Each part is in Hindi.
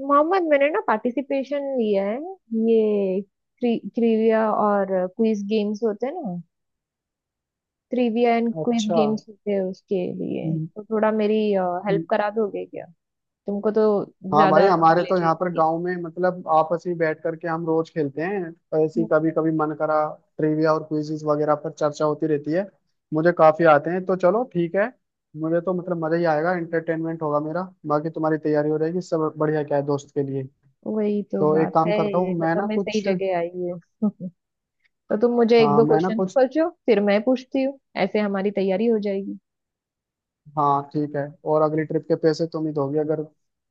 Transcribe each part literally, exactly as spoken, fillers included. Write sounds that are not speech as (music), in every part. मोहम्मद, मैंने ना पार्टिसिपेशन लिया है। ये ट्रिविया और क्विज गेम्स होते हैं ना? ट्रिविया एंड क्विज अच्छा। गेम्स होते हैं, उसके लिए हम्म, तो थोड़ा मेरी हेल्प हम्म। करा दोगे क्या? तुमको तो हाँ भाई, ज्यादा हमारे तो नॉलेज है यहाँ पर इसकी। गांव में मतलब आपस में बैठ करके हम रोज खेलते हैं। ऐसी हम्म, कभी कभी मन करा, ट्रिविया और क्विजीज वगैरह पर चर्चा होती रहती है। मुझे काफी आते हैं, तो चलो ठीक है। मुझे तो मतलब मजा ही आएगा, एंटरटेनमेंट होगा मेरा, बाकी तुम्हारी तैयारी हो रहेगी। सब बढ़िया क्या है दोस्त के लिए। वही तो तो बात एक काम है। करता हूँ, मैं मतलब ना मैं सही कुछ। जगह आई हूँ। (laughs) तो तुम मुझे एक हाँ, दो मैं ना क्वेश्चंस कुछ। पूछो, फिर मैं पूछती हूँ। ऐसे हमारी तैयारी हो जाएगी। हाँ, ठीक है। और अगली ट्रिप के पैसे तुम ही दोगे अगर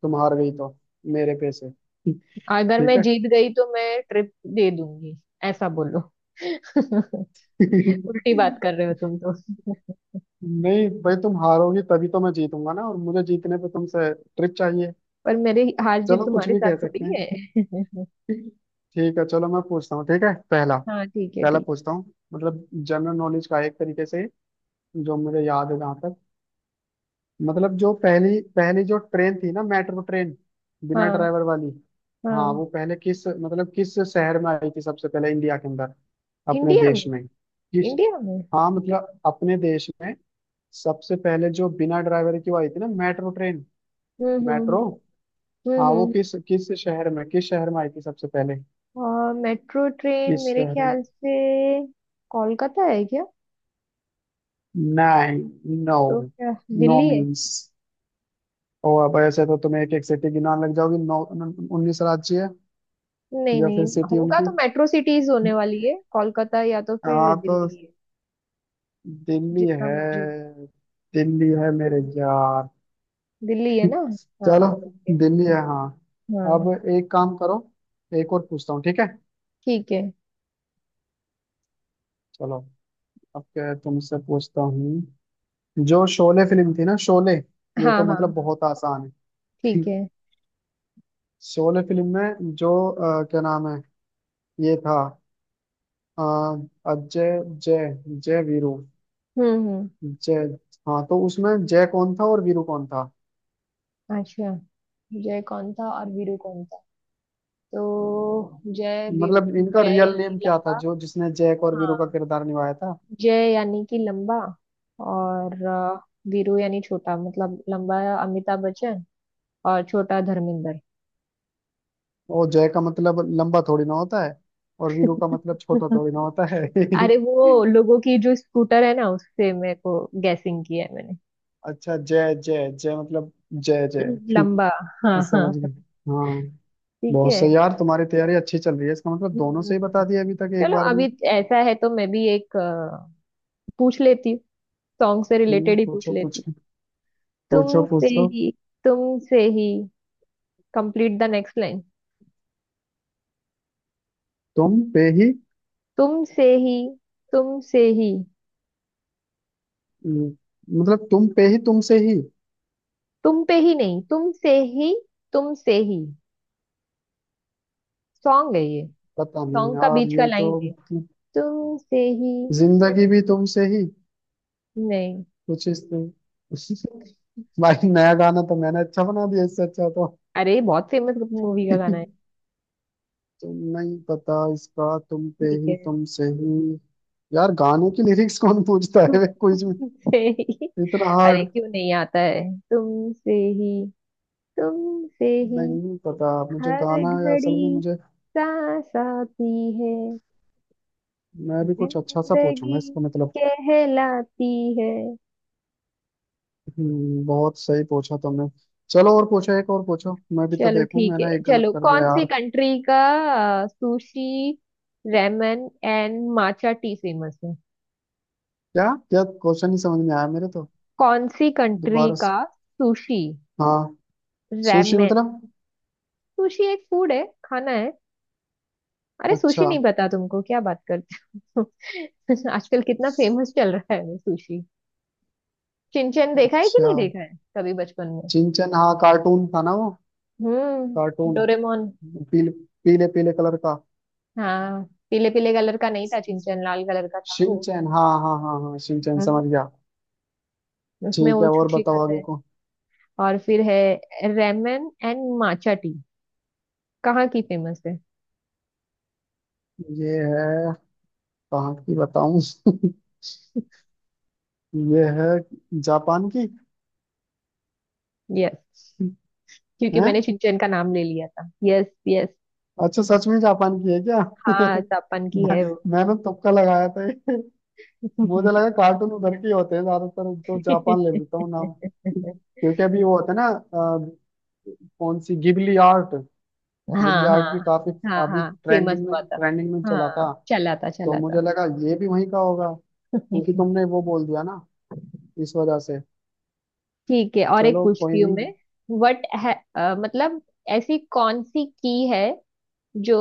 तुम हार गई तो। मेरे पैसे। (laughs) अगर ठीक मैं जीत गई तो मैं ट्रिप दे दूंगी। ऐसा बोलो। (laughs) है। (laughs) उल्टी बात कर रहे हो तुम तो। (laughs) नहीं भाई, तुम हारोगी तभी तो मैं जीतूंगा ना, और मुझे जीतने पे तुमसे ट्रिक चाहिए। पर मेरी हार जीत चलो, कुछ तुम्हारे भी कह साथ सकते थोड़ी हैं। है। ठीक है, चलो मैं पूछता हूँ। ठीक है, पहला। (laughs) हाँ, ठीक है, पहला ठीक। पूछता हूँ। मतलब जनरल नॉलेज का एक तरीके से, जो मुझे याद है जहाँ तक। मतलब जो पहली पहली जो ट्रेन थी ना, मेट्रो ट्रेन, बिना हाँ ड्राइवर वाली। हाँ, हाँ। वो पहले किस मतलब किस शहर में आई थी सबसे पहले इंडिया के अंदर? अपने इंडिया देश में। में किस? इंडिया में। हाँ मतलब अपने देश में सबसे पहले जो बिना ड्राइवर की वो आई थी ना, मेट्रो ट्रेन, हम्म हम्म हम्म मेट्रो। हम्म हम्म। हाँ, वो हम्म। किस किस शहर में, किस शहर में आई थी सबसे पहले? और मेट्रो ट्रेन किस मेरे शहर में? ख्याल से कोलकाता है क्या? नाइन। नो। तो क्या नो दिल्ली है? मीन्स, ओ अब ऐसे तो तुम्हें एक एक सिटी गिनान लग जाओगी। नौ उन्नीस राज्य है, नहीं या नहीं। फिर सिटी होगा उनकी। तो मेट्रो सिटीज होने वाली है, कोलकाता या तो फिर हाँ तो दिल्ली है। दिल्ली जितना है। मुझे। दिल्ली है मेरे यार। दिल्ली है ना? (laughs) चलो, हाँ, ठीक है। दिल्ली है हाँ। अब हाँ, एक काम करो, एक और पूछता हूँ ठीक है? ठीक है। चलो। अब क्या तुमसे पूछता हूँ। जो शोले फिल्म थी ना, शोले, ये हाँ तो हाँ मतलब हाँ, बहुत आसान है। ठीक है। (laughs) शोले फिल्म में जो अ, क्या नाम है ये था अ, अजय, जय जय वीरू, हम्म हम्म। जय। हाँ, तो उसमें जय कौन था और वीरू कौन था? अच्छा, जय कौन था और वीरू कौन था? तो जय वीरू। मतलब इनका जय रियल यानी नेम क्या था लंबा। जो जिसने जय और वीरू का हाँ। किरदार निभाया था? जय यानी कि लंबा। और अ, वीरू यानी छोटा, मतलब लंबा अमिताभ बच्चन और छोटा धर्मेंद्र। वो जय का मतलब लंबा थोड़ी ना होता है, और वीरू का मतलब छोटा (laughs) थोड़ी ना होता है। अरे, वो (laughs) लोगों की जो स्कूटर है ना, उससे मेरे को गैसिंग किया है मैंने। अच्छा जय जय जय, मतलब जय जय। लंबा। हाँ (laughs) हाँ। समझ गए? हाँ। ठीक बहुत है। सही यार, तुम्हारी तैयारी अच्छी चल रही है। इसका मतलब दोनों से ही हम्म, बता दिया अभी तक एक चलो बार अभी में। ऐसा है तो मैं भी एक अ, पूछ लेती हूँ। सॉन्ग से हम्म, रिलेटेड ही पूछ पूछो लेती हूँ। पूछो। पूछो तुमसे पूछो। ही। तुमसे ही। Complete the next line. तुम पे ही। तुमसे ही। तुमसे ही। हम्म, मतलब तुम पे ही, तुमसे ही। तुम पे ही नहीं, तुमसे ही। तुमसे ही। सॉन्ग है ये। पता नहीं सॉन्ग का यार, बीच का ये तो। लाइन है। तुमसे ही। तुम। जिंदगी भी तुमसे ही नहीं। कुछ इस। (laughs) भाई, नया गाना तो मैंने अच्छा बना दिया, इससे अच्छा तो। अरे, बहुत फेमस मूवी का गाना है। (laughs) तुम नहीं पता इसका, तुम पे ठीक ही, है। तुम से ही। यार, गाने की लिरिक्स कौन पूछता है? (laughs) वे कुछ भी, तुमसे ही। इतना अरे, हार्ड। क्यों नहीं आता है? तुमसे। ही। तुमसे ही। नहीं पता मुझे हर गाना, या असल में घड़ी। मुझे। सांस आती। है। मैं भी कुछ अच्छा सा पूछूंगा जिंदगी। इसको, मतलब। कहलाती। है। हम्म, बहुत सही पूछा तुमने। चलो और पूछो, एक और पूछो, मैं भी तो चलो, देखूं। ठीक है। मैंने एक गलत चलो, कर दिया कौन सी यार। कंट्री का sushi ramen and matcha tea famous है? क्या, क्या क्वेश्चन ही समझ में आया मेरे तो। कौन सी कंट्री दोबारा से- का? सुशी। हाँ। Sushi ramen. मतलब? सुशी एक फूड है, खाना है। अरे, सुशी अच्छा। नहीं पता तुमको, क्या बात करते हो? (laughs) आजकल कितना फेमस चल रहा है वो सुशी। चिंचन देखा है कि अच्छा, नहीं देखा है कभी बचपन में? चिंचन हाँ, कार्टून था ना वो। हम्म, कार्टून, डोरेमोन। पीले, पीले पीले कलर का। हाँ। पीले पीले कलर का नहीं था चिंचन, लाल कलर का था वो। शिनचैन, हाँ हाँ हाँ हाँ, शिनचैन हम्म, समझ गया। उसमें ठीक वो है, और छुछी बताओ खाते आगे हैं। को। और फिर है रेमन एंड माचा टी, कहाँ की फेमस है? ये है, कहाँ की बताऊं? (laughs) ये है, जापान की यस। क्योंकि है। मैंने चिंचन का नाम ले लिया था, यस यस। अच्छा, सच में जापान की है क्या? हाँ, जापान (laughs) की मैं, है वो। मैंने तुक्का लगाया था ये। मुझे लगा (laughs) कार्टून उधर के ही होते हैं ज्यादातर, तो जापान ले लेता हूँ नाम। क्योंकि अभी वो होता है ना अ, कौन सी गिबली आर्ट। गिबली हाँ आर्ट हाँ भी काफी, हाँ अभी हाँ, फेमस ट्रेंडिंग में, हुआ था। ट्रेंडिंग में चला हाँ, था। चला था तो चला था। मुझे लगा ये भी वहीं का होगा, क्योंकि (laughs) तुमने वो बोल दिया ना इस वजह से। ठीक है, और एक चलो कोई पूछती हूँ नहीं। मैं। वट है अ, मतलब ऐसी कौन सी की है जो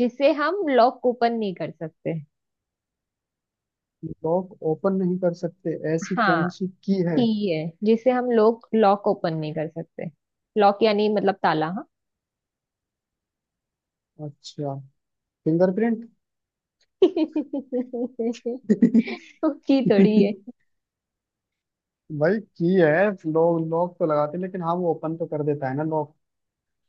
जिसे हम लॉक ओपन नहीं कर सकते? लॉक ओपन नहीं कर सकते, ऐसी हाँ। कौन सी की है? की है जिसे हम लोग लॉक ओपन नहीं कर सकते। लॉक यानी मतलब ताला, हाँ। अच्छा, फिंगरप्रिंट। (laughs) की थोड़ी है। (laughs) भाई की है, लोग लॉक तो लगाते हैं, लेकिन हाँ वो ओपन तो कर देता है ना लॉक।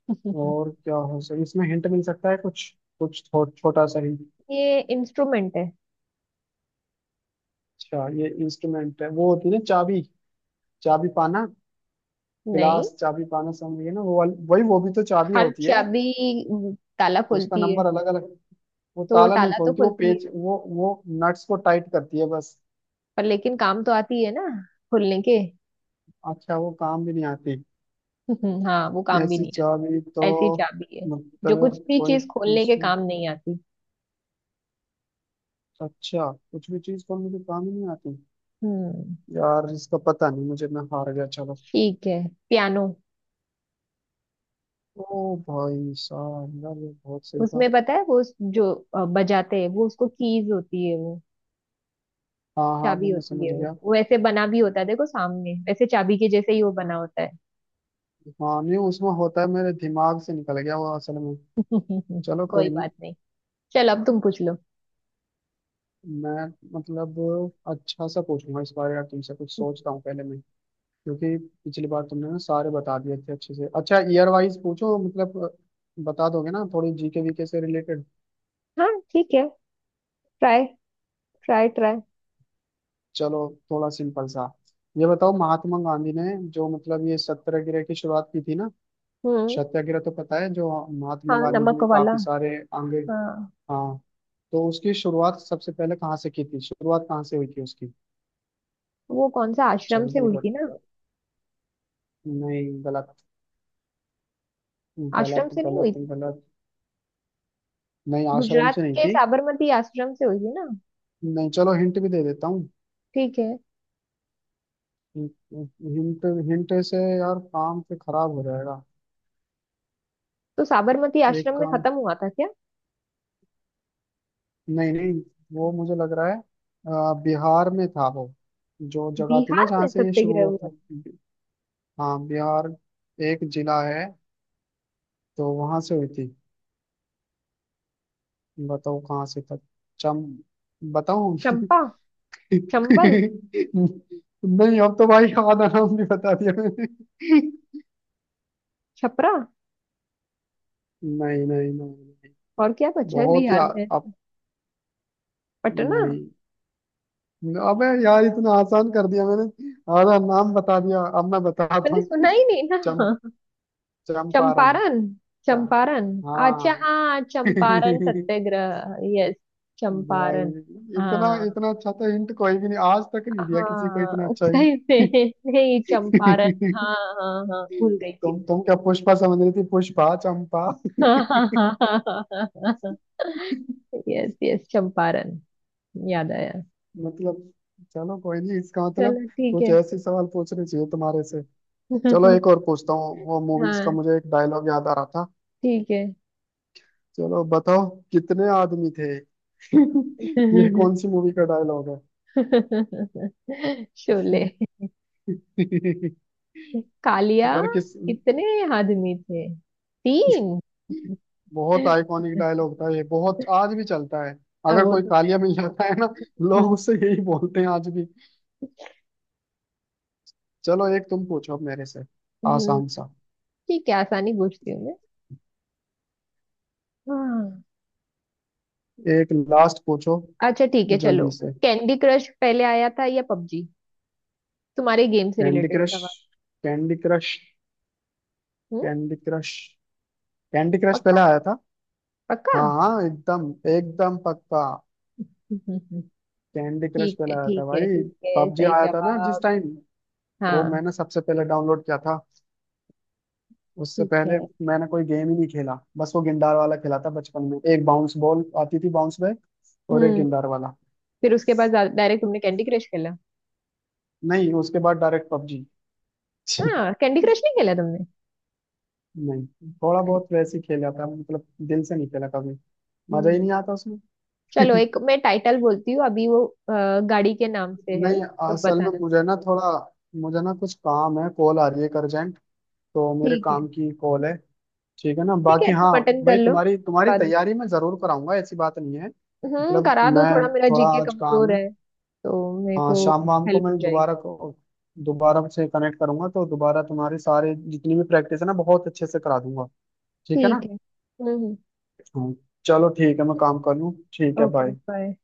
(laughs) और क्या हो सकता, इसमें हिंट मिल सकता है कुछ? कुछ थो, छोटा सा हिंट। ये इंस्ट्रूमेंट है। अच्छा, ये इंस्ट्रूमेंट है। वो होती है ना चाबी, चाबी पाना, नहीं, गिलास चाबी पाना, समझिए ना वो वाली, वही वो भी तो चाबी हर होती है। चाबी ताला उसका खोलती है। नंबर अलग अलग। वो तो वो ताला नहीं ताला तो खोलती, वो खोलती है, पेच, वो वो नट्स को टाइट करती है बस। पर लेकिन काम तो आती है ना खोलने के। अच्छा, वो काम भी नहीं आती? (laughs) हाँ, वो काम भी ऐसी नहीं आता। चाबी तो, ऐसी चाबी है जो कुछ मतलब भी कोई चीज खोलने के दूसरी- काम नहीं आती। अच्छा, कुछ भी चीज खोलने के काम ही नहीं आती। हम्म। यार इसका पता नहीं मुझे, मैं हार गया, चलो। ठीक है। पियानो। ओ भाई साहब, यार ये बहुत सही था। उसमें पता है वो उस- जो अ, बजाते हैं वो, उसको कीज होती है वो। हाँ हाँ, चाबी वो मैं होती समझ है वो गया। वो ऐसे बना भी होता है, देखो सामने वैसे चाबी के जैसे ही वो बना होता है। हाँ नहीं, उसमें होता है, मेरे दिमाग से निकल गया वो असल में। (laughs) चलो कोई कोई नहीं। बात नहीं। चल, अब तुम पूछ लो। मैं मतलब अच्छा सा पूछूंगा इस बारे यार तुमसे, कुछ हम्म। सोचता हूँ पहले मैं। क्योंकि पिछली बार तुमने ना सारे बता दिए थे अच्छे से। अच्छा ईयर वाइज पूछो, मतलब बता दोगे ना थोड़ी जीके वीके से रिलेटेड। हाँ, ठीक है। ट्राई। Try try. चलो, थोड़ा सिंपल सा। ये बताओ, महात्मा गांधी ने जो मतलब ये सत्याग्रह की शुरुआत की थी ना, हम्म। सत्याग्रह तो पता है, जो महात्मा हाँ, गांधी जी नमक ने वाला। काफी सारे आंगे। हाँ। हाँ, तो उसकी शुरुआत सबसे पहले कहाँ से की थी? शुरुआत कहाँ से हुई थी उसकी? वो कौन सा आश्रम से जल्दी हुई थी ना? बताओ। नहीं, गलत गलत आश्रम से नहीं हुई गलत थी? गलत। नहीं, आश्रम गुजरात से नहीं के थी। साबरमती आश्रम से हुई थी ना? नहीं, चलो हिंट भी दे देता हूँ। ठीक है। हिंट हिंट से यार काम पे खराब हो जाएगा। तो साबरमती एक आश्रम में काम। खत्म हुआ था क्या? नहीं नहीं, वो मुझे लग रहा है अ, बिहार में था वो, जो जगह थी ना बिहार जहाँ में से ये शुरू सत्याग्रह हुआ हुआ था। था? हाँ, बिहार एक जिला है, तो वहां से हुई थी। बताओ कहाँ से था? चम, बताऊं? (laughs) चंपा। चंबल। नहीं, अब तो भाई आधा नाम भी बता दिया छपरा। मैंने। नहीं नहीं नहीं नहीं, और क्या बचा है बहुत ही बिहार आ- में? अब पटना। नहीं। अबे यार, इतना आसान कर दिया मैंने, आधा नाम बता दिया। अब मैं बताता मैंने हूँ। सुना ही नहीं चम ना। चंपारण, चंपारण। चा, चंपारण। अच्छा, हाँ। हाँ, (laughs) चंपारण भाई, सत्याग्रह, यस। चंपारण। इतना हाँ। इतना अच्छा तो हिंट कोई भी नहीं आज तक नहीं दिया किसी को, इतना हाँ अच्छा सही हिंट। से। (laughs) नहीं, चंपारण। हाँ। हाँ हाँ, भूल गई थी। तुम तुम क्या पुष्पा समझ रही थी, पुष्पा चंपा। हाँ हाँ हाँ हाँ। हाँ। हाँ। Yes yes, Champaran. याद आया। मतलब चलो कोई नहीं, इसका मतलब चलो, ठीक कुछ है। ऐसे सवाल पूछने चाहिए तुम्हारे से। चलो एक (laughs) और पूछता हूँ, वो मूवीज का, हाँ, मुझे एक डायलॉग याद आ रहा था। ठीक है। चलो बताओ, कितने आदमी थे? (laughs) ये कौन सी (laughs) मूवी का डायलॉग है? शोले। (laughs) कालिया। और किस। कितने आदमी थे? तीन। बहुत आइकॉनिक (laughs) डायलॉग था ये, बहुत आज भी चलता है। अब अगर वो कोई तो है। कालिया मिल जाता है ना, लोग हम्म, उससे यही बोलते हैं आज भी। चलो एक तुम पूछो अब मेरे से, हम्म। आसान सा, ठीक है, आसानी पूछती हूँ मैं। हाँ। एक लास्ट पूछो अच्छा, ठीक है, चलो। जल्दी से। कैंडी क्रश पहले आया था या पबजी? तुम्हारे गेम से कैंडी रिलेटेड क्रश। सवाल। Candy Crush. हम्म। Candy Crush. कैंडी क्रश पक्का? पहले आया था। पक्का। हाँ (laughs) हाँ, एकदम एकदम पक्का। हम्म, हम्म। कैंडी क्रश ठीक पहले है, आया था ठीक है, भाई। ठीक है, पबजी सही आया था ना जिस जवाब। टाइम, वो हाँ। मैंने सबसे पहले डाउनलोड किया था। उससे ठीक पहले है। मैंने कोई गेम ही नहीं खेला, बस वो गिंडार वाला खेला था बचपन में, एक बाउंस बॉल आती थी बाउंस बैक, और एक हम्म। गिंडार वाला। फिर उसके बाद डायरेक्ट तुमने कैंडी क्रश खेला? नहीं, उसके बाद डायरेक्ट पबजी। (laughs) हाँ, कैंडी क्रश नहीं खेला तुमने? नहीं, थोड़ा अरे। बहुत वैसे ही खेला था, मतलब दिल से नहीं खेला कभी, मजा ही हम्म। नहीं आता उसमें। चलो, (laughs) एक मैं टाइटल बोलती हूँ अभी, वो अ, गाड़ी के नाम से है नहीं, तो असल में बताना। मुझे ना थोड़ा, मुझे ना कुछ काम है, कॉल आ रही है अर्जेंट, तो मेरे ठीक है। काम की कॉल है। ठीक है ना? ठीक है, बाकी हाँ, तुम अटेंड कर भाई लो। तुम्हारी तुम्हारी बाद में। तैयारी मैं जरूर कराऊंगा, ऐसी बात नहीं है। हम्म मतलब करा दो, मैं थोड़ा मेरा थोड़ा जी के आज काम कमजोर है। है तो मेरे हाँ, को शाम वाम को हेल्प हो मैं जाएगी। दोबारा को दोबारा से कनेक्ट करूंगा, तो दोबारा तुम्हारी सारे जितनी भी प्रैक्टिस है ना बहुत अच्छे से करा दूंगा, ठीक है ना? ठीक है। हम्म। हाँ। चलो ठीक है, मैं काम कर लूँ, ठीक है ओके, बाय। बाय।